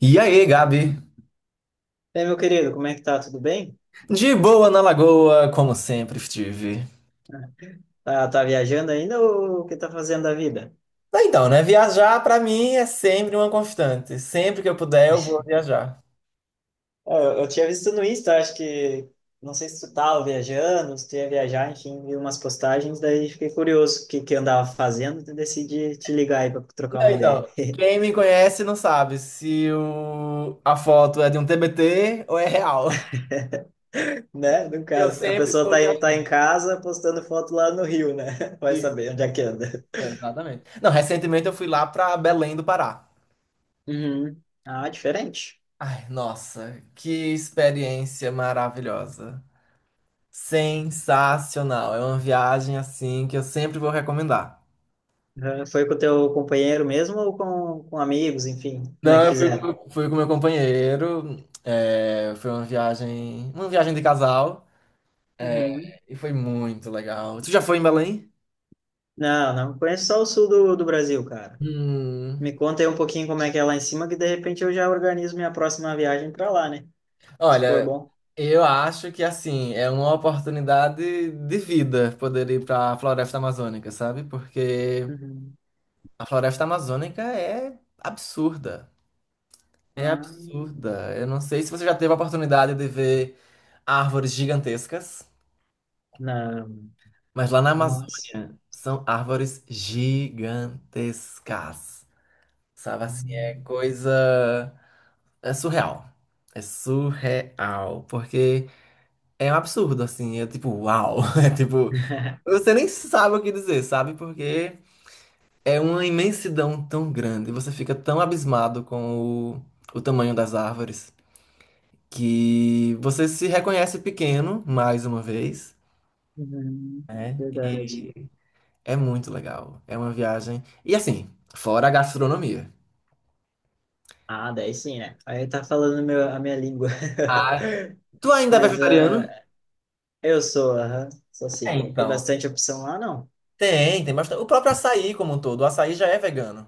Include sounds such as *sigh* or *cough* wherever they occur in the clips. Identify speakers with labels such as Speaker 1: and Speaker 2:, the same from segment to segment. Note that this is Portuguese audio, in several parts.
Speaker 1: E aí, Gabi?
Speaker 2: E aí, meu querido, como é que tá? Tudo bem?
Speaker 1: De boa na lagoa, como sempre estive.
Speaker 2: Tá, tá viajando ainda ou o que tá fazendo da vida?
Speaker 1: Então, né? Viajar pra mim é sempre uma constante. Sempre que eu puder, eu vou viajar.
Speaker 2: É, eu tinha visto no Insta, acho que... Não sei se tu tava viajando, se tu ia viajar, enfim, vi umas postagens, daí fiquei curioso o que que eu andava fazendo e decidi te ligar aí pra trocar
Speaker 1: Não,
Speaker 2: uma ideia.
Speaker 1: então,
Speaker 2: *laughs*
Speaker 1: quem me conhece não sabe se a foto é de um TBT ou é real.
Speaker 2: Né? No
Speaker 1: Eu
Speaker 2: caso, a
Speaker 1: sempre
Speaker 2: pessoa
Speaker 1: estou
Speaker 2: tá, tá
Speaker 1: viajando.
Speaker 2: em casa postando foto lá no Rio, né? *laughs* Vai
Speaker 1: E-
Speaker 2: saber onde é que anda.
Speaker 1: Exatamente. Não, recentemente eu fui lá pra Belém do Pará.
Speaker 2: Uhum. Ah, diferente.
Speaker 1: Ai, nossa, que experiência maravilhosa. Sensacional. É uma viagem assim que eu sempre vou recomendar.
Speaker 2: Uhum. Foi com o teu companheiro mesmo ou com amigos, enfim? Como é
Speaker 1: Não,
Speaker 2: que
Speaker 1: eu fui,
Speaker 2: fizeram?
Speaker 1: fui com meu companheiro. É, foi uma viagem de casal
Speaker 2: Uhum.
Speaker 1: e foi muito legal. Tu já foi em Belém?
Speaker 2: Não, não conheço só o sul do Brasil, cara. Me
Speaker 1: Hum,
Speaker 2: conta aí um pouquinho como é que é lá em cima, que de repente eu já organizo minha próxima viagem para lá, né? Se for
Speaker 1: Olha,
Speaker 2: bom.
Speaker 1: eu acho que assim é uma oportunidade de vida poder ir para a Floresta Amazônica, sabe? Porque
Speaker 2: Uhum.
Speaker 1: a Floresta Amazônica é absurda, é
Speaker 2: Ah,
Speaker 1: absurda. Eu não sei se você já teve a oportunidade de ver árvores gigantescas.
Speaker 2: não,
Speaker 1: Mas lá na
Speaker 2: mas.
Speaker 1: Amazônia são árvores gigantescas. Sabe
Speaker 2: Ah,
Speaker 1: assim, é coisa. É surreal. É surreal. Porque é um absurdo, assim. É tipo, uau. *laughs* É tipo.
Speaker 2: *laughs*
Speaker 1: Você nem sabe o que dizer, sabe? Porque é uma imensidão tão grande. Você fica tão abismado com o tamanho das árvores que você se reconhece pequeno, mais uma vez.
Speaker 2: uhum.
Speaker 1: Né?
Speaker 2: Verdade.
Speaker 1: É muito legal. É uma viagem. E assim, fora a gastronomia.
Speaker 2: Ah, daí sim, né? Aí tá falando meu, a minha língua. *laughs*
Speaker 1: Ah, tu ainda é
Speaker 2: Mas
Speaker 1: vegetariano?
Speaker 2: ah, eu sou, aham, sou
Speaker 1: É,
Speaker 2: sim. Tem
Speaker 1: então.
Speaker 2: bastante opção lá, não?
Speaker 1: Tem bastante. O próprio açaí como um todo. O açaí já é vegano.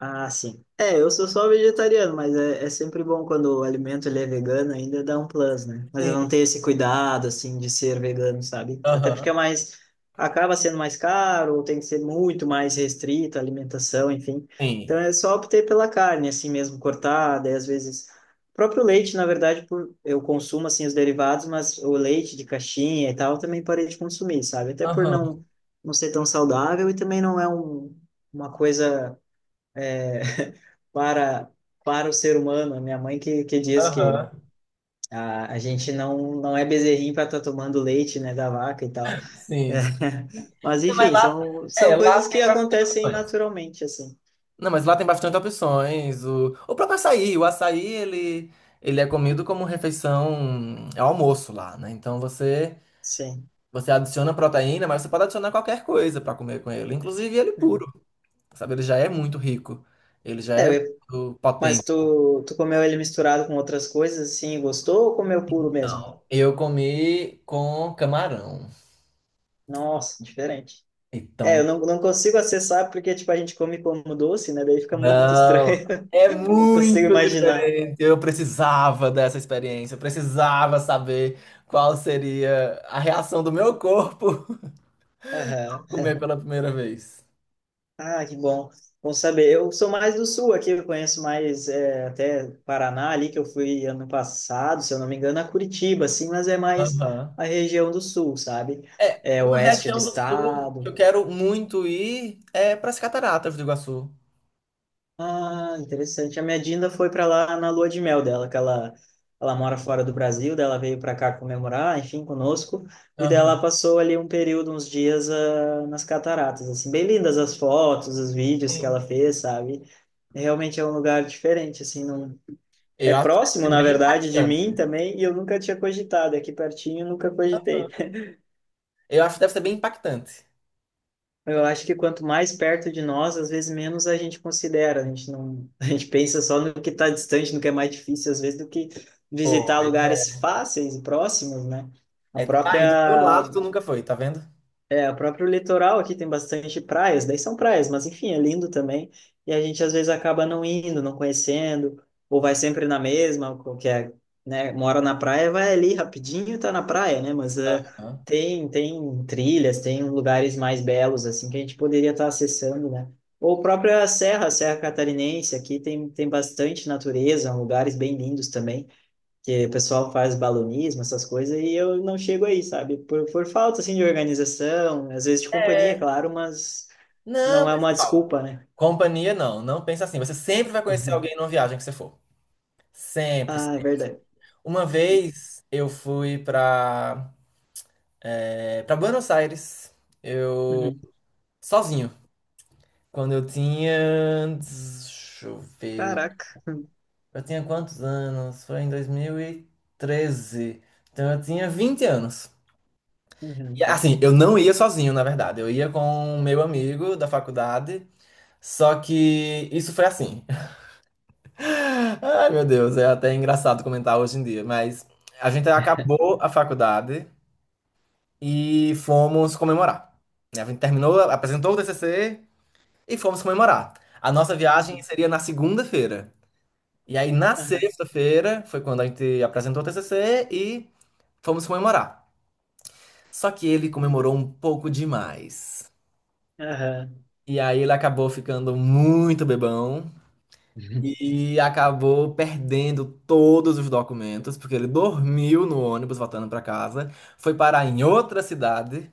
Speaker 2: Ah, sim. É, eu sou só vegetariano, mas é, é sempre bom quando o alimento ele é vegano, ainda dá um plus, né? Mas eu
Speaker 1: Sim,
Speaker 2: não tenho esse cuidado, assim, de ser vegano, sabe? Até
Speaker 1: aham,
Speaker 2: porque é mais... Acaba sendo mais caro, ou tem que ser muito mais restrito a alimentação, enfim. Então,
Speaker 1: sim.
Speaker 2: é só optei pela carne, assim mesmo, cortada, e às vezes... O próprio leite, na verdade, por... eu consumo, assim, os derivados, mas o leite de caixinha e tal, eu também parei de consumir, sabe? Até por
Speaker 1: Aham,
Speaker 2: não, não ser tão saudável e também não é um... Uma coisa para para o ser humano. A minha mãe que diz que
Speaker 1: aham.
Speaker 2: a gente não, não é bezerrinho para estar tá tomando leite, né, da vaca e tal. É.
Speaker 1: Sim. Sim.
Speaker 2: *laughs* Mas,
Speaker 1: Não, Mas
Speaker 2: enfim,
Speaker 1: lá,
Speaker 2: são, são
Speaker 1: é, lá
Speaker 2: coisas que
Speaker 1: tem bastante
Speaker 2: acontecem
Speaker 1: opções.
Speaker 2: naturalmente, assim.
Speaker 1: Não, mas lá tem bastante opções. O próprio açaí, o açaí, ele é comido como refeição, é almoço lá, né? Então você,
Speaker 2: Sim.
Speaker 1: você adiciona proteína, mas você pode adicionar qualquer coisa para comer com ele, inclusive ele
Speaker 2: Uhum.
Speaker 1: puro. Sabe? Ele já é muito rico, ele já é
Speaker 2: É, eu-
Speaker 1: muito potente.
Speaker 2: mas tu, tu comeu ele misturado com outras coisas, assim, e gostou ou comeu puro mesmo?
Speaker 1: Não, eu comi com camarão.
Speaker 2: Nossa, diferente. É, eu
Speaker 1: Então,
Speaker 2: não, não consigo acessar porque, tipo, a gente come como doce, né? Daí fica muito
Speaker 1: não,
Speaker 2: estranho.
Speaker 1: é
Speaker 2: *laughs* Não consigo
Speaker 1: muito
Speaker 2: imaginar.
Speaker 1: diferente. Eu precisava dessa experiência, eu precisava saber qual seria a reação do meu corpo
Speaker 2: Aham.
Speaker 1: *laughs* comer pela primeira vez.
Speaker 2: Ah, que bom. Bom saber. Eu sou mais do sul aqui, eu conheço mais é, até Paraná ali, que eu fui ano passado, se eu não me engano, a Curitiba, assim, mas é mais
Speaker 1: Aham.
Speaker 2: a região do sul, sabe?
Speaker 1: É,
Speaker 2: É
Speaker 1: uma
Speaker 2: oeste do
Speaker 1: região do sul que eu
Speaker 2: estado.
Speaker 1: quero muito ir é para as Cataratas do Iguaçu.
Speaker 2: Ah, interessante. A minha Dinda foi para lá na lua de mel dela, que ela mora fora do Brasil, daí ela veio para cá comemorar, enfim, conosco, e daí
Speaker 1: Aham.
Speaker 2: ela passou ali um período, uns dias ah, nas cataratas, assim, bem lindas as fotos, os vídeos que ela
Speaker 1: Sim.
Speaker 2: fez, sabe? É, realmente é um lugar diferente, assim, não... É
Speaker 1: Eu acho que
Speaker 2: próximo,
Speaker 1: deve
Speaker 2: na
Speaker 1: ser bem
Speaker 2: verdade, de
Speaker 1: impactante.
Speaker 2: mim também, e eu nunca tinha cogitado, é aqui pertinho eu nunca cogitei.
Speaker 1: Eu acho que deve ser bem impactante.
Speaker 2: Eu acho que quanto mais perto de nós, às vezes menos a gente considera. A gente não, *laughs* a gente pensa só no que está distante, no que é mais difícil, às vezes, do que visitar
Speaker 1: Pois é.
Speaker 2: lugares fáceis e próximos, né? A
Speaker 1: É, tá aí do teu
Speaker 2: própria
Speaker 1: lado, tu nunca foi, tá vendo?
Speaker 2: é, o próprio litoral aqui tem bastante praias, daí são praias, mas enfim, é lindo também. E a gente às vezes acaba não indo, não conhecendo, ou vai sempre na mesma, que é, né, mora na praia, vai ali rapidinho, tá na praia, né? Mas eh,
Speaker 1: Aham.
Speaker 2: tem trilhas, tem lugares mais belos assim que a gente poderia estar acessando, né? Ou própria Serra, Serra Catarinense, aqui tem bastante natureza, lugares bem lindos também que o pessoal faz balonismo, essas coisas, e eu não chego aí, sabe? Por falta, assim, de organização, às vezes de companhia, claro, mas não
Speaker 1: Não,
Speaker 2: é
Speaker 1: mas
Speaker 2: uma
Speaker 1: Paulo,
Speaker 2: desculpa, né?
Speaker 1: companhia não, não pensa assim. Você sempre vai conhecer
Speaker 2: Uhum.
Speaker 1: alguém numa viagem que você for. Sempre,
Speaker 2: Ah, é
Speaker 1: sempre.
Speaker 2: verdade.
Speaker 1: Uma vez eu fui pra Buenos Aires,
Speaker 2: Uhum.
Speaker 1: sozinho. Quando eu tinha. Deixa eu ver.
Speaker 2: Caraca.
Speaker 1: Eu tinha quantos anos? Foi em 2013. Então eu tinha 20 anos. E,
Speaker 2: Uhum.
Speaker 1: assim, eu não ia sozinho, na verdade. Eu ia com um meu amigo da faculdade. Só que isso foi assim. *laughs* Ai, meu Deus, é até engraçado comentar hoje em dia, mas a gente acabou a faculdade e fomos comemorar. Né? A gente terminou, apresentou o TCC e fomos comemorar. A nossa viagem
Speaker 2: Uhum.
Speaker 1: seria na segunda-feira. E aí, na
Speaker 2: Aham.
Speaker 1: sexta-feira, foi quando a gente apresentou o TCC e fomos comemorar. Só que ele
Speaker 2: Uhum.
Speaker 1: comemorou um pouco demais.
Speaker 2: Aham.
Speaker 1: E aí, ele acabou ficando muito bebão.
Speaker 2: Uhum.
Speaker 1: E acabou perdendo todos os documentos, porque ele dormiu no ônibus voltando para casa, foi parar em outra cidade,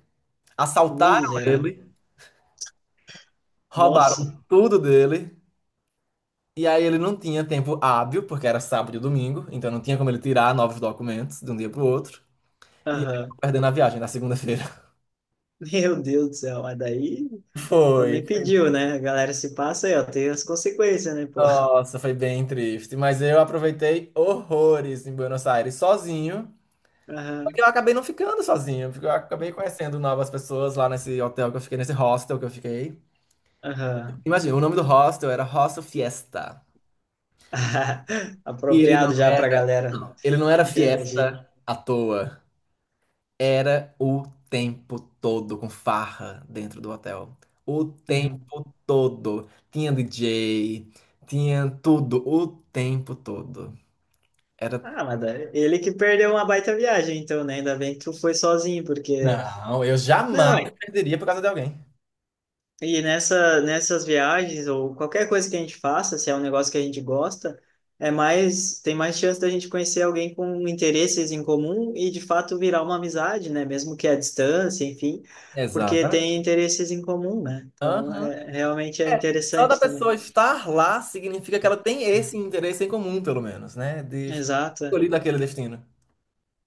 Speaker 1: assaltaram
Speaker 2: Miserável.
Speaker 1: ele,
Speaker 2: Nossa.
Speaker 1: roubaram tudo dele, e aí ele não tinha tempo hábil, porque era sábado e domingo, então não tinha como ele tirar novos documentos de um dia para o outro, e ele acabou
Speaker 2: Aham.
Speaker 1: perdendo a viagem na segunda-feira. *laughs*
Speaker 2: Meu Deus do céu, mas daí
Speaker 1: Foi,
Speaker 2: também
Speaker 1: foi.
Speaker 2: pediu, né? A galera se passa aí, ó, tem as consequências, né, pô?
Speaker 1: Nossa, foi bem triste, mas eu aproveitei horrores em Buenos Aires sozinho. Porque
Speaker 2: Aham.
Speaker 1: eu acabei não ficando sozinho, porque eu acabei conhecendo novas pessoas lá nesse hotel que eu fiquei, nesse hostel que eu fiquei.
Speaker 2: Aham.
Speaker 1: Imagina, o nome do hostel era Hostel Fiesta.
Speaker 2: *laughs*
Speaker 1: E ele não
Speaker 2: Apropriado já pra
Speaker 1: era,
Speaker 2: galera
Speaker 1: não, ele não era
Speaker 2: interagir.
Speaker 1: fiesta à toa. Era o tempo todo com farra dentro do hotel. O
Speaker 2: Uhum.
Speaker 1: tempo todo. Tinha DJ, tinha tudo, o tempo todo. Era.
Speaker 2: Ele que perdeu uma baita viagem, então, né? Ainda bem que tu foi sozinho, porque.
Speaker 1: Não, eu jamais
Speaker 2: Não,
Speaker 1: perderia por causa de alguém.
Speaker 2: e nessa, nessas viagens, ou qualquer coisa que a gente faça, se é um negócio que a gente gosta, é mais, tem mais chance da gente conhecer alguém com interesses em comum e, de fato, virar uma amizade, né? Mesmo que à distância, enfim, porque
Speaker 1: Exatamente.
Speaker 2: tem interesses em comum, né? Então,
Speaker 1: Aham.
Speaker 2: é, realmente é
Speaker 1: Só da
Speaker 2: interessante
Speaker 1: pessoa
Speaker 2: também.
Speaker 1: estar lá significa que ela tem esse interesse em comum, pelo menos, né? De
Speaker 2: Exato. É.
Speaker 1: escolher daquele destino.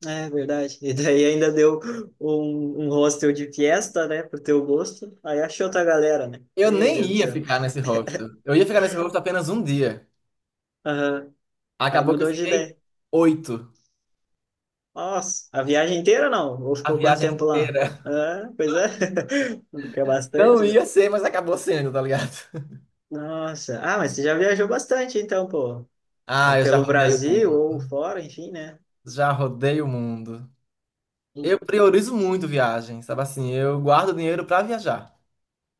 Speaker 2: É verdade. E daí ainda deu um hostel de fiesta, né, pro teu gosto. Aí achou outra galera, né?
Speaker 1: Eu
Speaker 2: Meu
Speaker 1: nem
Speaker 2: Deus do
Speaker 1: ia
Speaker 2: céu.
Speaker 1: ficar nesse hostel. Eu ia ficar nesse hostel apenas um dia.
Speaker 2: Aham. Aí
Speaker 1: Acabou que eu
Speaker 2: mudou de
Speaker 1: fiquei
Speaker 2: ideia.
Speaker 1: oito.
Speaker 2: Nossa, a viagem inteira não? Ou
Speaker 1: A
Speaker 2: ficou quanto
Speaker 1: viagem
Speaker 2: tempo lá?
Speaker 1: inteira.
Speaker 2: Ah, pois é. *laughs* Que é
Speaker 1: Não
Speaker 2: bastante, né?
Speaker 1: ia ser, mas acabou sendo, tá ligado?
Speaker 2: Nossa. Ah, mas você já viajou bastante, então, pô.
Speaker 1: Ah, eu já
Speaker 2: Pelo
Speaker 1: rodei o
Speaker 2: Brasil
Speaker 1: mundo.
Speaker 2: ou fora, enfim, né?
Speaker 1: Já rodei o mundo. Eu priorizo muito viagem, sabe assim? Eu guardo dinheiro pra viajar.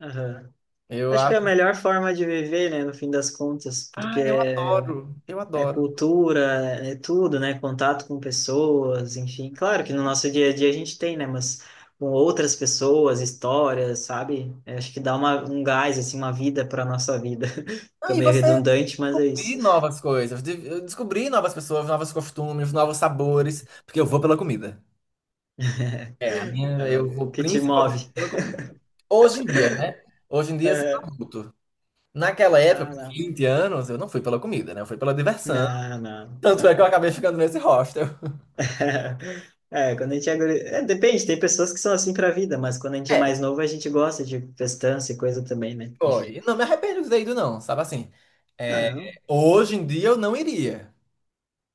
Speaker 2: Aham.
Speaker 1: Eu
Speaker 2: Acho que é a
Speaker 1: acho.
Speaker 2: melhor forma de viver, né, no fim das contas, porque
Speaker 1: Ah, eu adoro. Eu
Speaker 2: é
Speaker 1: adoro.
Speaker 2: cultura, é tudo, né? Contato com pessoas, enfim. Claro que no nosso dia a dia a gente tem, né? Mas com outras pessoas, histórias, sabe? Eu acho que dá uma, um gás, assim, uma vida para nossa vida. *laughs*
Speaker 1: Não,
Speaker 2: Fica
Speaker 1: e
Speaker 2: meio
Speaker 1: você
Speaker 2: redundante, mas é
Speaker 1: descobrir
Speaker 2: isso.
Speaker 1: novas coisas, eu descobrir novas pessoas, novos costumes, novos sabores, porque eu vou pela comida. É, a minha,
Speaker 2: *laughs* É
Speaker 1: eu
Speaker 2: o
Speaker 1: vou
Speaker 2: que te move.
Speaker 1: principalmente pela
Speaker 2: *laughs*
Speaker 1: comida. Hoje em dia, né? Hoje em dia, sendo
Speaker 2: É,
Speaker 1: adulto. Naquela época,
Speaker 2: ah,
Speaker 1: com
Speaker 2: não.
Speaker 1: 20 anos, eu não fui pela comida, né? Eu fui pela diversão.
Speaker 2: Não, não.
Speaker 1: Tanto é que
Speaker 2: É.
Speaker 1: eu acabei ficando nesse hostel.
Speaker 2: *laughs* É, quando a gente é, é, depende, tem pessoas que são assim pra vida, mas quando a gente é
Speaker 1: É,
Speaker 2: mais novo, a gente gosta de festança e coisa também, né? Enfim.
Speaker 1: foi. Não me arrependo de ter ido, não, sabe assim?
Speaker 2: Ah,
Speaker 1: É,
Speaker 2: não.
Speaker 1: hoje em dia eu não iria.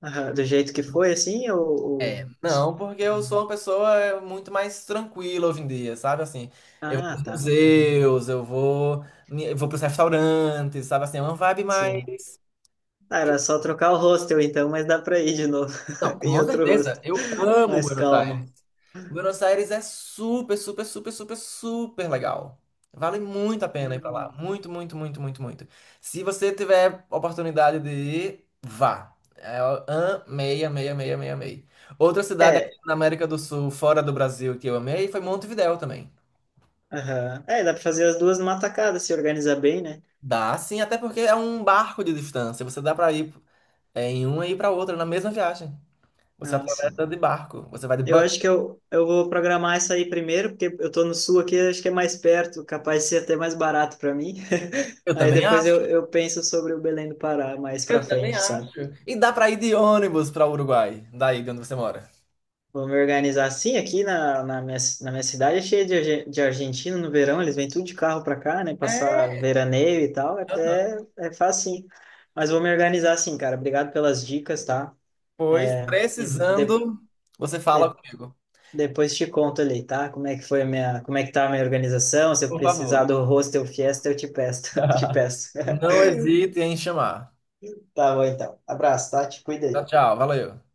Speaker 2: Aham, do jeito que foi, assim,
Speaker 1: É,
Speaker 2: ou-
Speaker 1: não, porque eu sou uma pessoa muito mais tranquila hoje em dia, sabe? Assim, eu vou
Speaker 2: Ah,
Speaker 1: pros
Speaker 2: tá. Uhum.
Speaker 1: museus, eu vou pros restaurantes, sabe? Assim, é uma vibe
Speaker 2: Sim.
Speaker 1: mais.
Speaker 2: Ah, era só trocar o hostel, então, mas dá para ir de novo
Speaker 1: Não,
Speaker 2: *laughs* em
Speaker 1: com
Speaker 2: outro
Speaker 1: certeza,
Speaker 2: hostel.
Speaker 1: eu amo
Speaker 2: Mais
Speaker 1: Buenos Aires.
Speaker 2: calmo.
Speaker 1: Buenos Aires é super, super, super, super, super legal. Vale muito a pena ir pra lá.
Speaker 2: Hum.
Speaker 1: Muito, muito, muito, muito, muito. Se você tiver oportunidade de ir, vá. É, eu amei, amei, amei, amei, amei. Outra cidade aqui
Speaker 2: É,
Speaker 1: na América do Sul, fora do Brasil, que eu amei, foi Montevidéu também.
Speaker 2: aham. É, dá para fazer as duas numa tacada, se organizar bem, né?
Speaker 1: Dá sim, até porque é um barco de distância. Você dá pra ir em uma e ir pra outra na mesma viagem. Você
Speaker 2: Ah, sim.
Speaker 1: atravessa de barco. Você vai de
Speaker 2: Eu
Speaker 1: bucket.
Speaker 2: acho que eu vou programar isso aí primeiro, porque eu tô no sul aqui, acho que é mais perto, capaz de ser até mais barato para mim. *laughs*
Speaker 1: Eu
Speaker 2: Aí
Speaker 1: também
Speaker 2: depois
Speaker 1: acho.
Speaker 2: eu penso sobre o Belém do Pará mais para
Speaker 1: Eu também
Speaker 2: frente, sabe?
Speaker 1: acho. E dá para ir de ônibus para o Uruguai, daí de onde você mora.
Speaker 2: Vou me organizar assim. Aqui na, na minha cidade é cheia de, de argentino no verão, eles vêm tudo de carro para cá, né?
Speaker 1: É,
Speaker 2: Passar veraneio e tal, é,
Speaker 1: aham.
Speaker 2: é fácil sim. Mas vou me organizar assim, cara. Obrigado pelas dicas, tá?
Speaker 1: Pois,
Speaker 2: É, e de-
Speaker 1: precisando, você fala
Speaker 2: de-
Speaker 1: comigo.
Speaker 2: depois te conto ali, tá? Como é que foi a minha, como é que tá a minha organização. Se eu
Speaker 1: Por favor.
Speaker 2: precisar do hostel fiesta, eu te peço, *laughs* te peço.
Speaker 1: Não hesite em chamar.
Speaker 2: Tá bom, então. Abraço, tá? Te cuida
Speaker 1: Tchau,
Speaker 2: aí.
Speaker 1: tchau. Valeu.